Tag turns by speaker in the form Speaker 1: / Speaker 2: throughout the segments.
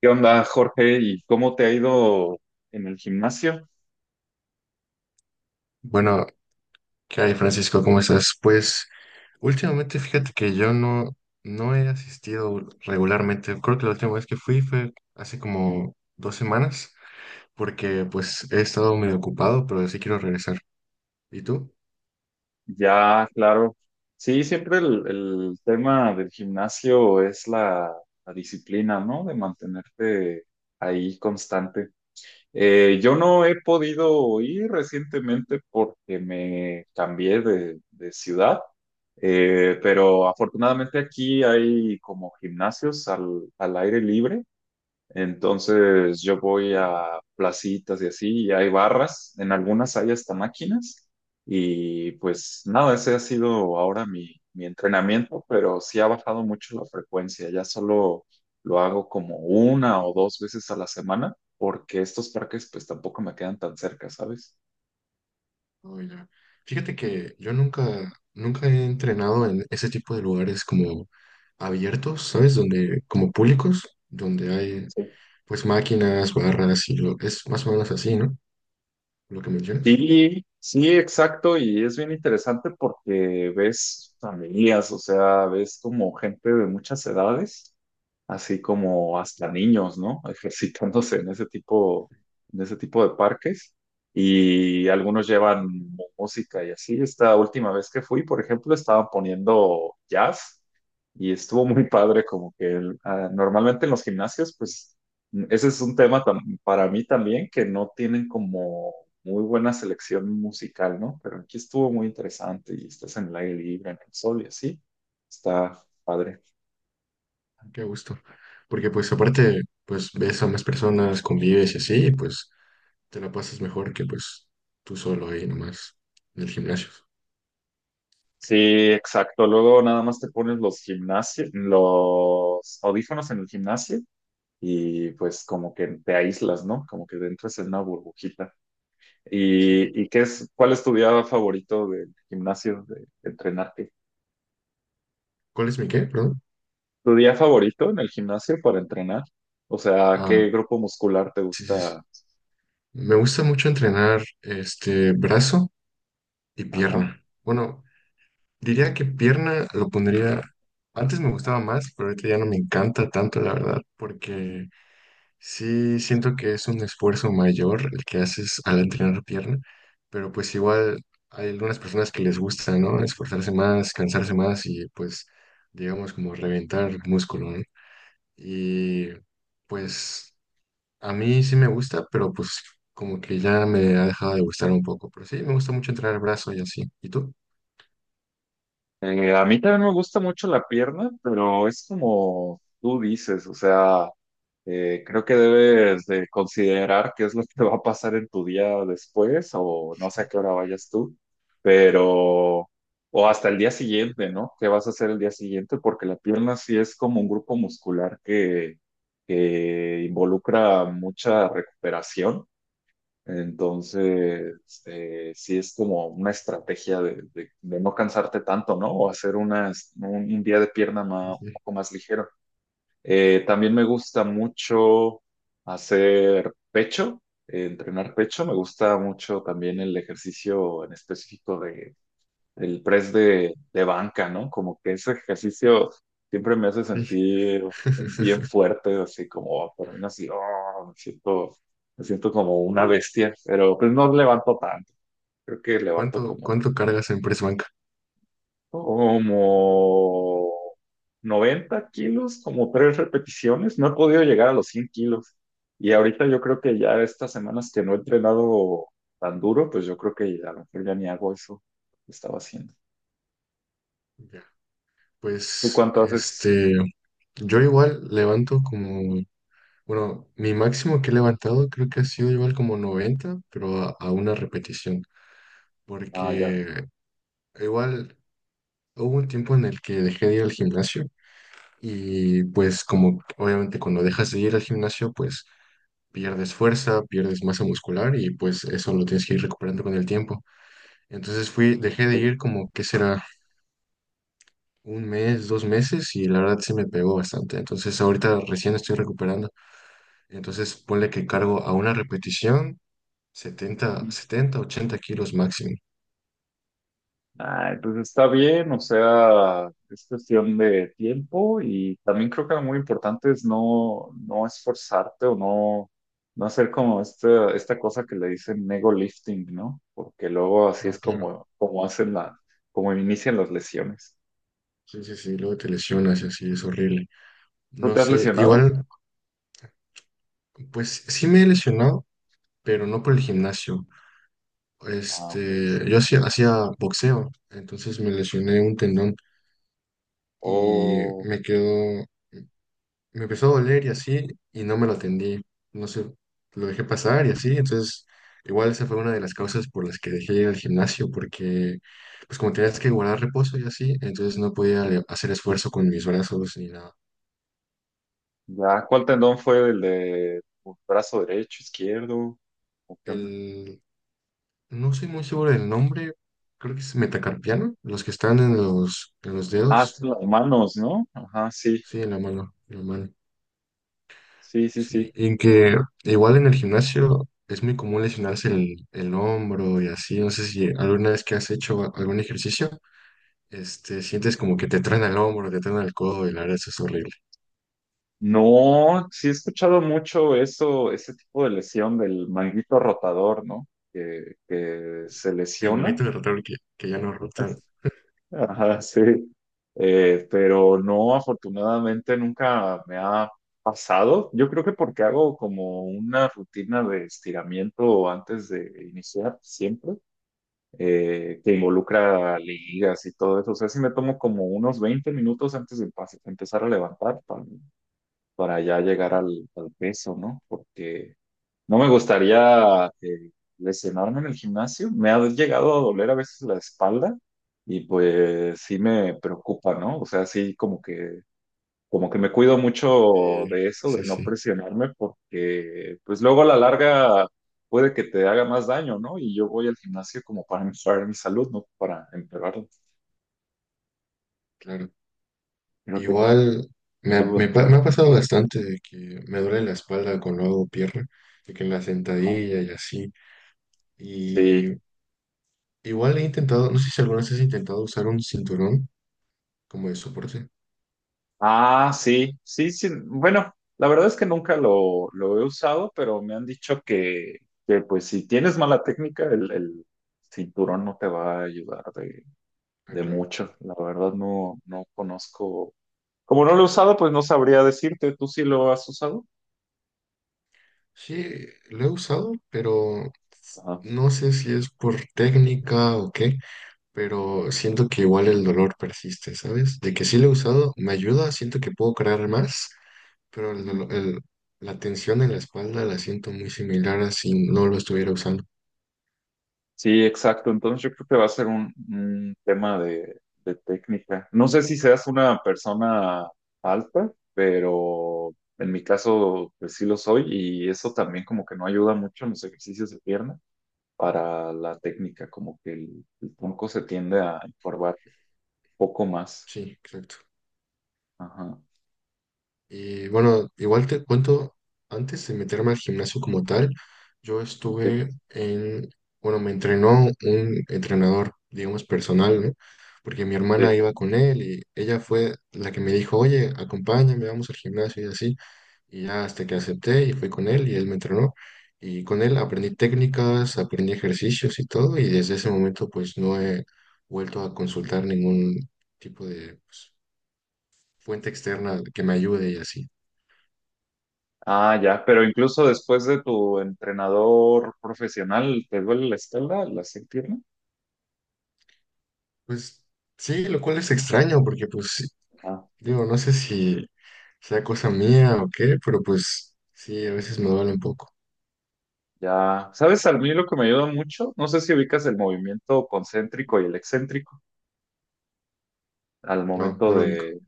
Speaker 1: ¿Qué onda, Jorge? ¿Y cómo te ha ido en el gimnasio?
Speaker 2: Bueno, ¿qué hay, Francisco? ¿Cómo estás? Pues últimamente fíjate que yo no he asistido regularmente. Creo que la última vez que fui fue hace como dos semanas, porque pues he estado medio ocupado, pero sí quiero regresar. ¿Y tú?
Speaker 1: Ya, claro. Sí, siempre el tema del gimnasio es la disciplina, ¿no? De mantenerte ahí constante. Yo no he podido ir recientemente porque me cambié de ciudad, pero afortunadamente aquí hay como gimnasios al aire libre. Entonces yo voy a placitas y así, y hay barras, en algunas hay hasta máquinas, y pues nada, ese ha sido ahora mi entrenamiento, pero sí ha bajado mucho la frecuencia, ya solo lo hago como una o dos veces a la semana, porque estos parques pues tampoco me quedan tan cerca, ¿sabes?
Speaker 2: Oh, ya. Fíjate que yo nunca, nunca he entrenado en ese tipo de lugares como abiertos, ¿sabes? Donde, como públicos, donde hay pues máquinas, barras es más o menos así, ¿no? Lo que mencionas.
Speaker 1: Sí, sí, exacto, y es bien interesante porque ves familias, o sea, ves como gente de muchas edades, así como hasta niños, ¿no? Ejercitándose en ese tipo de parques, y algunos llevan música y así. Esta última vez que fui, por ejemplo, estaban poniendo jazz y estuvo muy padre, como que normalmente en los gimnasios, pues, ese es un tema para mí también, que no tienen como muy buena selección musical, ¿no? Pero aquí estuvo muy interesante y estás en el aire libre, en el sol y así. Está padre.
Speaker 2: Qué gusto. Porque pues aparte, pues ves a más personas, convives y así, y, pues te la pasas mejor que pues tú solo ahí nomás en el gimnasio.
Speaker 1: Sí, exacto. Luego nada más te pones los gimnasio, los audífonos en el gimnasio y pues como que te aíslas, ¿no? Como que entras en una burbujita.
Speaker 2: Sí.
Speaker 1: ¿Y qué es, ¿cuál es tu día favorito del gimnasio, de entrenarte?
Speaker 2: ¿Cuál es mi qué? Perdón.
Speaker 1: ¿Tu día favorito en el gimnasio para entrenar? O sea,
Speaker 2: Ah,
Speaker 1: ¿qué grupo muscular te
Speaker 2: sí, sí, sí.
Speaker 1: gusta?
Speaker 2: Me gusta mucho entrenar este brazo y
Speaker 1: Ajá.
Speaker 2: pierna. Bueno, diría que pierna lo pondría. Antes me gustaba más, pero ahorita ya no me encanta tanto, la verdad, porque sí siento que es un esfuerzo mayor el que haces al entrenar pierna, pero pues igual hay algunas personas que les gusta, ¿no? Esforzarse más, cansarse más y pues, digamos, como reventar músculo, ¿no? Y pues a mí sí me gusta, pero pues como que ya me ha dejado de gustar un poco, pero sí, me gusta mucho entrenar brazo y así. ¿Y tú?
Speaker 1: A mí también me gusta mucho la pierna, pero es como tú dices, o sea, creo que debes de considerar qué es lo que va a pasar en tu día después, o no sé a qué hora vayas tú, pero o hasta el día siguiente, ¿no? ¿Qué vas a hacer el día siguiente? Porque la pierna sí es como un grupo muscular que involucra mucha recuperación. Entonces, sí es como una estrategia de, de no cansarte tanto, ¿no? O hacer unas, un día de pierna
Speaker 2: Sí,
Speaker 1: un
Speaker 2: sí.
Speaker 1: poco más ligero. También me gusta mucho hacer pecho, entrenar pecho. Me gusta mucho también el ejercicio en específico el press de banca, ¿no? Como que ese ejercicio siempre me hace sentir bien
Speaker 2: sí.
Speaker 1: fuerte, así como, por mí así, oh, me siento como una bestia, pero pues no levanto tanto, creo que levanto
Speaker 2: ¿Cuánto,
Speaker 1: como,
Speaker 2: cuánto cargas en press banca?
Speaker 1: como 90 kilos, como tres repeticiones, no he podido llegar a los 100 kilos. Y ahorita yo creo que ya estas semanas que no he entrenado tan duro, pues yo creo que a lo mejor ya ni hago eso que estaba haciendo.
Speaker 2: Ya.
Speaker 1: ¿Tú
Speaker 2: Pues,
Speaker 1: cuánto haces?
Speaker 2: este, yo igual levanto como, bueno, mi máximo que he levantado creo que ha sido igual como 90 pero a una repetición,
Speaker 1: Ah,
Speaker 2: porque igual hubo un tiempo en el que dejé de ir al gimnasio y pues como obviamente cuando dejas de ir al gimnasio, pues pierdes fuerza, pierdes masa muscular y pues eso lo tienes que ir recuperando con el tiempo. Entonces fui, dejé de ir como, ¿qué será? Un mes, dos meses y la verdad se me pegó bastante. Entonces ahorita recién estoy recuperando. Entonces ponle que cargo a una repetición 70,
Speaker 1: sí.
Speaker 2: 70, 80 kilos máximo.
Speaker 1: Ah, entonces está bien, o sea, es cuestión de tiempo y también creo que lo muy importante es no, no esforzarte, o no, no hacer como esta cosa que le dicen ego lifting, ¿no? Porque luego así es
Speaker 2: Ah, claro.
Speaker 1: como, como hacen la, como inician las lesiones.
Speaker 2: Sí, sí, sí, luego te lesionas y así es horrible.
Speaker 1: ¿Tú
Speaker 2: No
Speaker 1: te has
Speaker 2: sé,
Speaker 1: lesionado?
Speaker 2: igual, pues sí me he lesionado, pero no por el
Speaker 1: Ah, no.
Speaker 2: gimnasio.
Speaker 1: Ah, pues.
Speaker 2: Este, yo hacía boxeo, entonces me lesioné un tendón y
Speaker 1: O
Speaker 2: me quedó, me empezó a doler y así, y no me lo atendí. No sé, lo dejé pasar y así. Entonces, igual esa fue una de las causas por las que dejé ir al gimnasio, porque, pues como tenías que guardar reposo y así, entonces no podía hacer esfuerzo con mis brazos ni nada.
Speaker 1: ya, ¿cuál tendón fue el de tu brazo derecho, izquierdo? ¿O qué onda?
Speaker 2: El, no soy muy seguro del nombre, creo que es metacarpiano, los que están en los
Speaker 1: Ah,
Speaker 2: dedos.
Speaker 1: son las manos, ¿no? Ajá, sí.
Speaker 2: Sí, en la mano, en la mano.
Speaker 1: Sí, sí,
Speaker 2: Sí,
Speaker 1: sí.
Speaker 2: y en que igual en el gimnasio es muy común lesionarse el hombro y así. No sé si alguna vez que has hecho algún ejercicio, este, sientes como que te traen el hombro, te traen el codo y la verdad eso es horrible.
Speaker 1: No, sí he escuchado mucho eso, ese tipo de lesión del manguito rotador, ¿no? Que se
Speaker 2: Me
Speaker 1: lesiona.
Speaker 2: imagino de rotar que ya no rotan.
Speaker 1: Ajá, sí. Pero no, afortunadamente nunca me ha pasado. Yo creo que porque hago como una rutina de estiramiento antes de iniciar siempre, que involucra ligas y todo eso. O sea, si me tomo como unos 20 minutos antes de empezar a levantar para ya llegar al peso, ¿no? Porque no me gustaría lesionarme en el gimnasio. Me ha llegado a doler a veces la espalda y pues sí me preocupa, ¿no? O sea, sí como que me cuido mucho
Speaker 2: Sí,
Speaker 1: de eso, de
Speaker 2: sí,
Speaker 1: no
Speaker 2: sí,
Speaker 1: presionarme, porque pues luego a la larga puede que te haga más daño, ¿no? Y yo voy al gimnasio como para mejorar mi salud, no para empeorarla.
Speaker 2: claro.
Speaker 1: Creo que es
Speaker 2: Igual me,
Speaker 1: el
Speaker 2: ha-
Speaker 1: objetivo
Speaker 2: me,
Speaker 1: de
Speaker 2: pa- me
Speaker 1: todo.
Speaker 2: ha pasado bastante de que me duele la espalda cuando hago pierna, de que en la sentadilla y así.
Speaker 1: Sí.
Speaker 2: Y igual he intentado, no sé si alguna vez has intentado usar un cinturón como de soporte.
Speaker 1: Ah, sí, sí, sí. Bueno, la verdad es que nunca lo, lo he usado, pero me han dicho que, pues si tienes mala técnica, el cinturón no te va a ayudar
Speaker 2: Ah,
Speaker 1: de
Speaker 2: claro.
Speaker 1: mucho. La verdad no, no conozco. Como no lo he usado, pues no sabría decirte. ¿Tú sí lo has usado?
Speaker 2: Sí, lo he usado, pero
Speaker 1: Ajá.
Speaker 2: no sé si es por técnica o qué, pero siento que igual el dolor persiste, ¿sabes? De que sí lo he usado, me ayuda, siento que puedo crear más, pero la tensión en la espalda la siento muy similar a si no lo estuviera usando.
Speaker 1: Sí, exacto. Entonces yo creo que va a ser un tema de técnica. No sé si seas una persona alta, pero en mi caso pues sí lo soy, y eso también como que no ayuda mucho en los ejercicios de pierna para la técnica, como que el tronco se tiende a encorvar un poco más.
Speaker 2: Sí, exacto.
Speaker 1: Ajá.
Speaker 2: Y bueno, igual te cuento, antes de meterme al gimnasio como tal, yo
Speaker 1: Sí,
Speaker 2: estuve en, bueno, me entrenó un entrenador, digamos, personal, ¿no? Porque mi hermana
Speaker 1: sí.
Speaker 2: iba con él y ella fue la que me dijo, oye, acompáñame, vamos al gimnasio y así. Y ya hasta que acepté y fui con él y él me entrenó. Y con él aprendí técnicas, aprendí ejercicios y todo. Y desde ese momento pues no he vuelto a consultar ningún tipo de pues, fuente externa que me ayude y así.
Speaker 1: Ah, ya, pero incluso después de tu entrenador profesional, ¿te duele la espalda, la pierna?
Speaker 2: Pues sí, lo cual es extraño porque pues sí, digo, no sé si sea cosa mía o qué, pero pues sí, a veces me duele un poco.
Speaker 1: Ya, ¿sabes? A mí lo que me ayuda mucho, no sé si ubicas el movimiento concéntrico y el excéntrico al
Speaker 2: No, no
Speaker 1: momento
Speaker 2: lo ubico.
Speaker 1: de,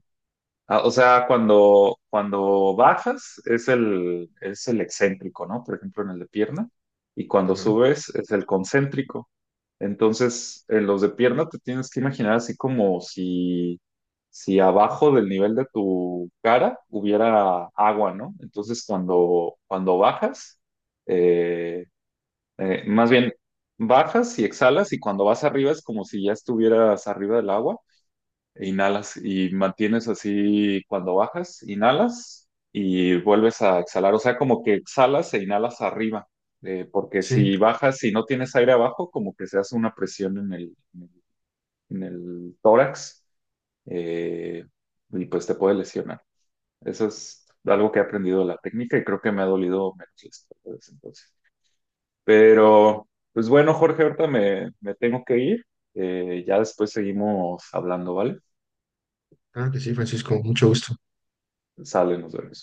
Speaker 1: ah, o sea, cuando, cuando bajas es el excéntrico, ¿no? Por ejemplo, en el de pierna, y cuando
Speaker 2: Ajá.
Speaker 1: subes es el concéntrico. Entonces, en los de pierna te tienes que imaginar así como si, si abajo del nivel de tu cara hubiera agua, ¿no? Entonces, cuando, cuando bajas, eh, más bien, bajas y exhalas, y cuando vas arriba es como si ya estuvieras arriba del agua, e inhalas y mantienes así cuando bajas, inhalas y vuelves a exhalar, o sea, como que exhalas e inhalas arriba, porque
Speaker 2: Sí,
Speaker 1: si bajas y no tienes aire abajo, como que se hace una presión en el tórax eh, y pues te puede lesionar. Eso es algo que he aprendido de la técnica y creo que me ha dolido menos las espalda desde entonces. Pero, pues bueno, Jorge, ahorita me, me tengo que ir. Ya después seguimos hablando, ¿vale?
Speaker 2: claro que sí, Francisco, mucho gusto.
Speaker 1: Sale, nos vemos.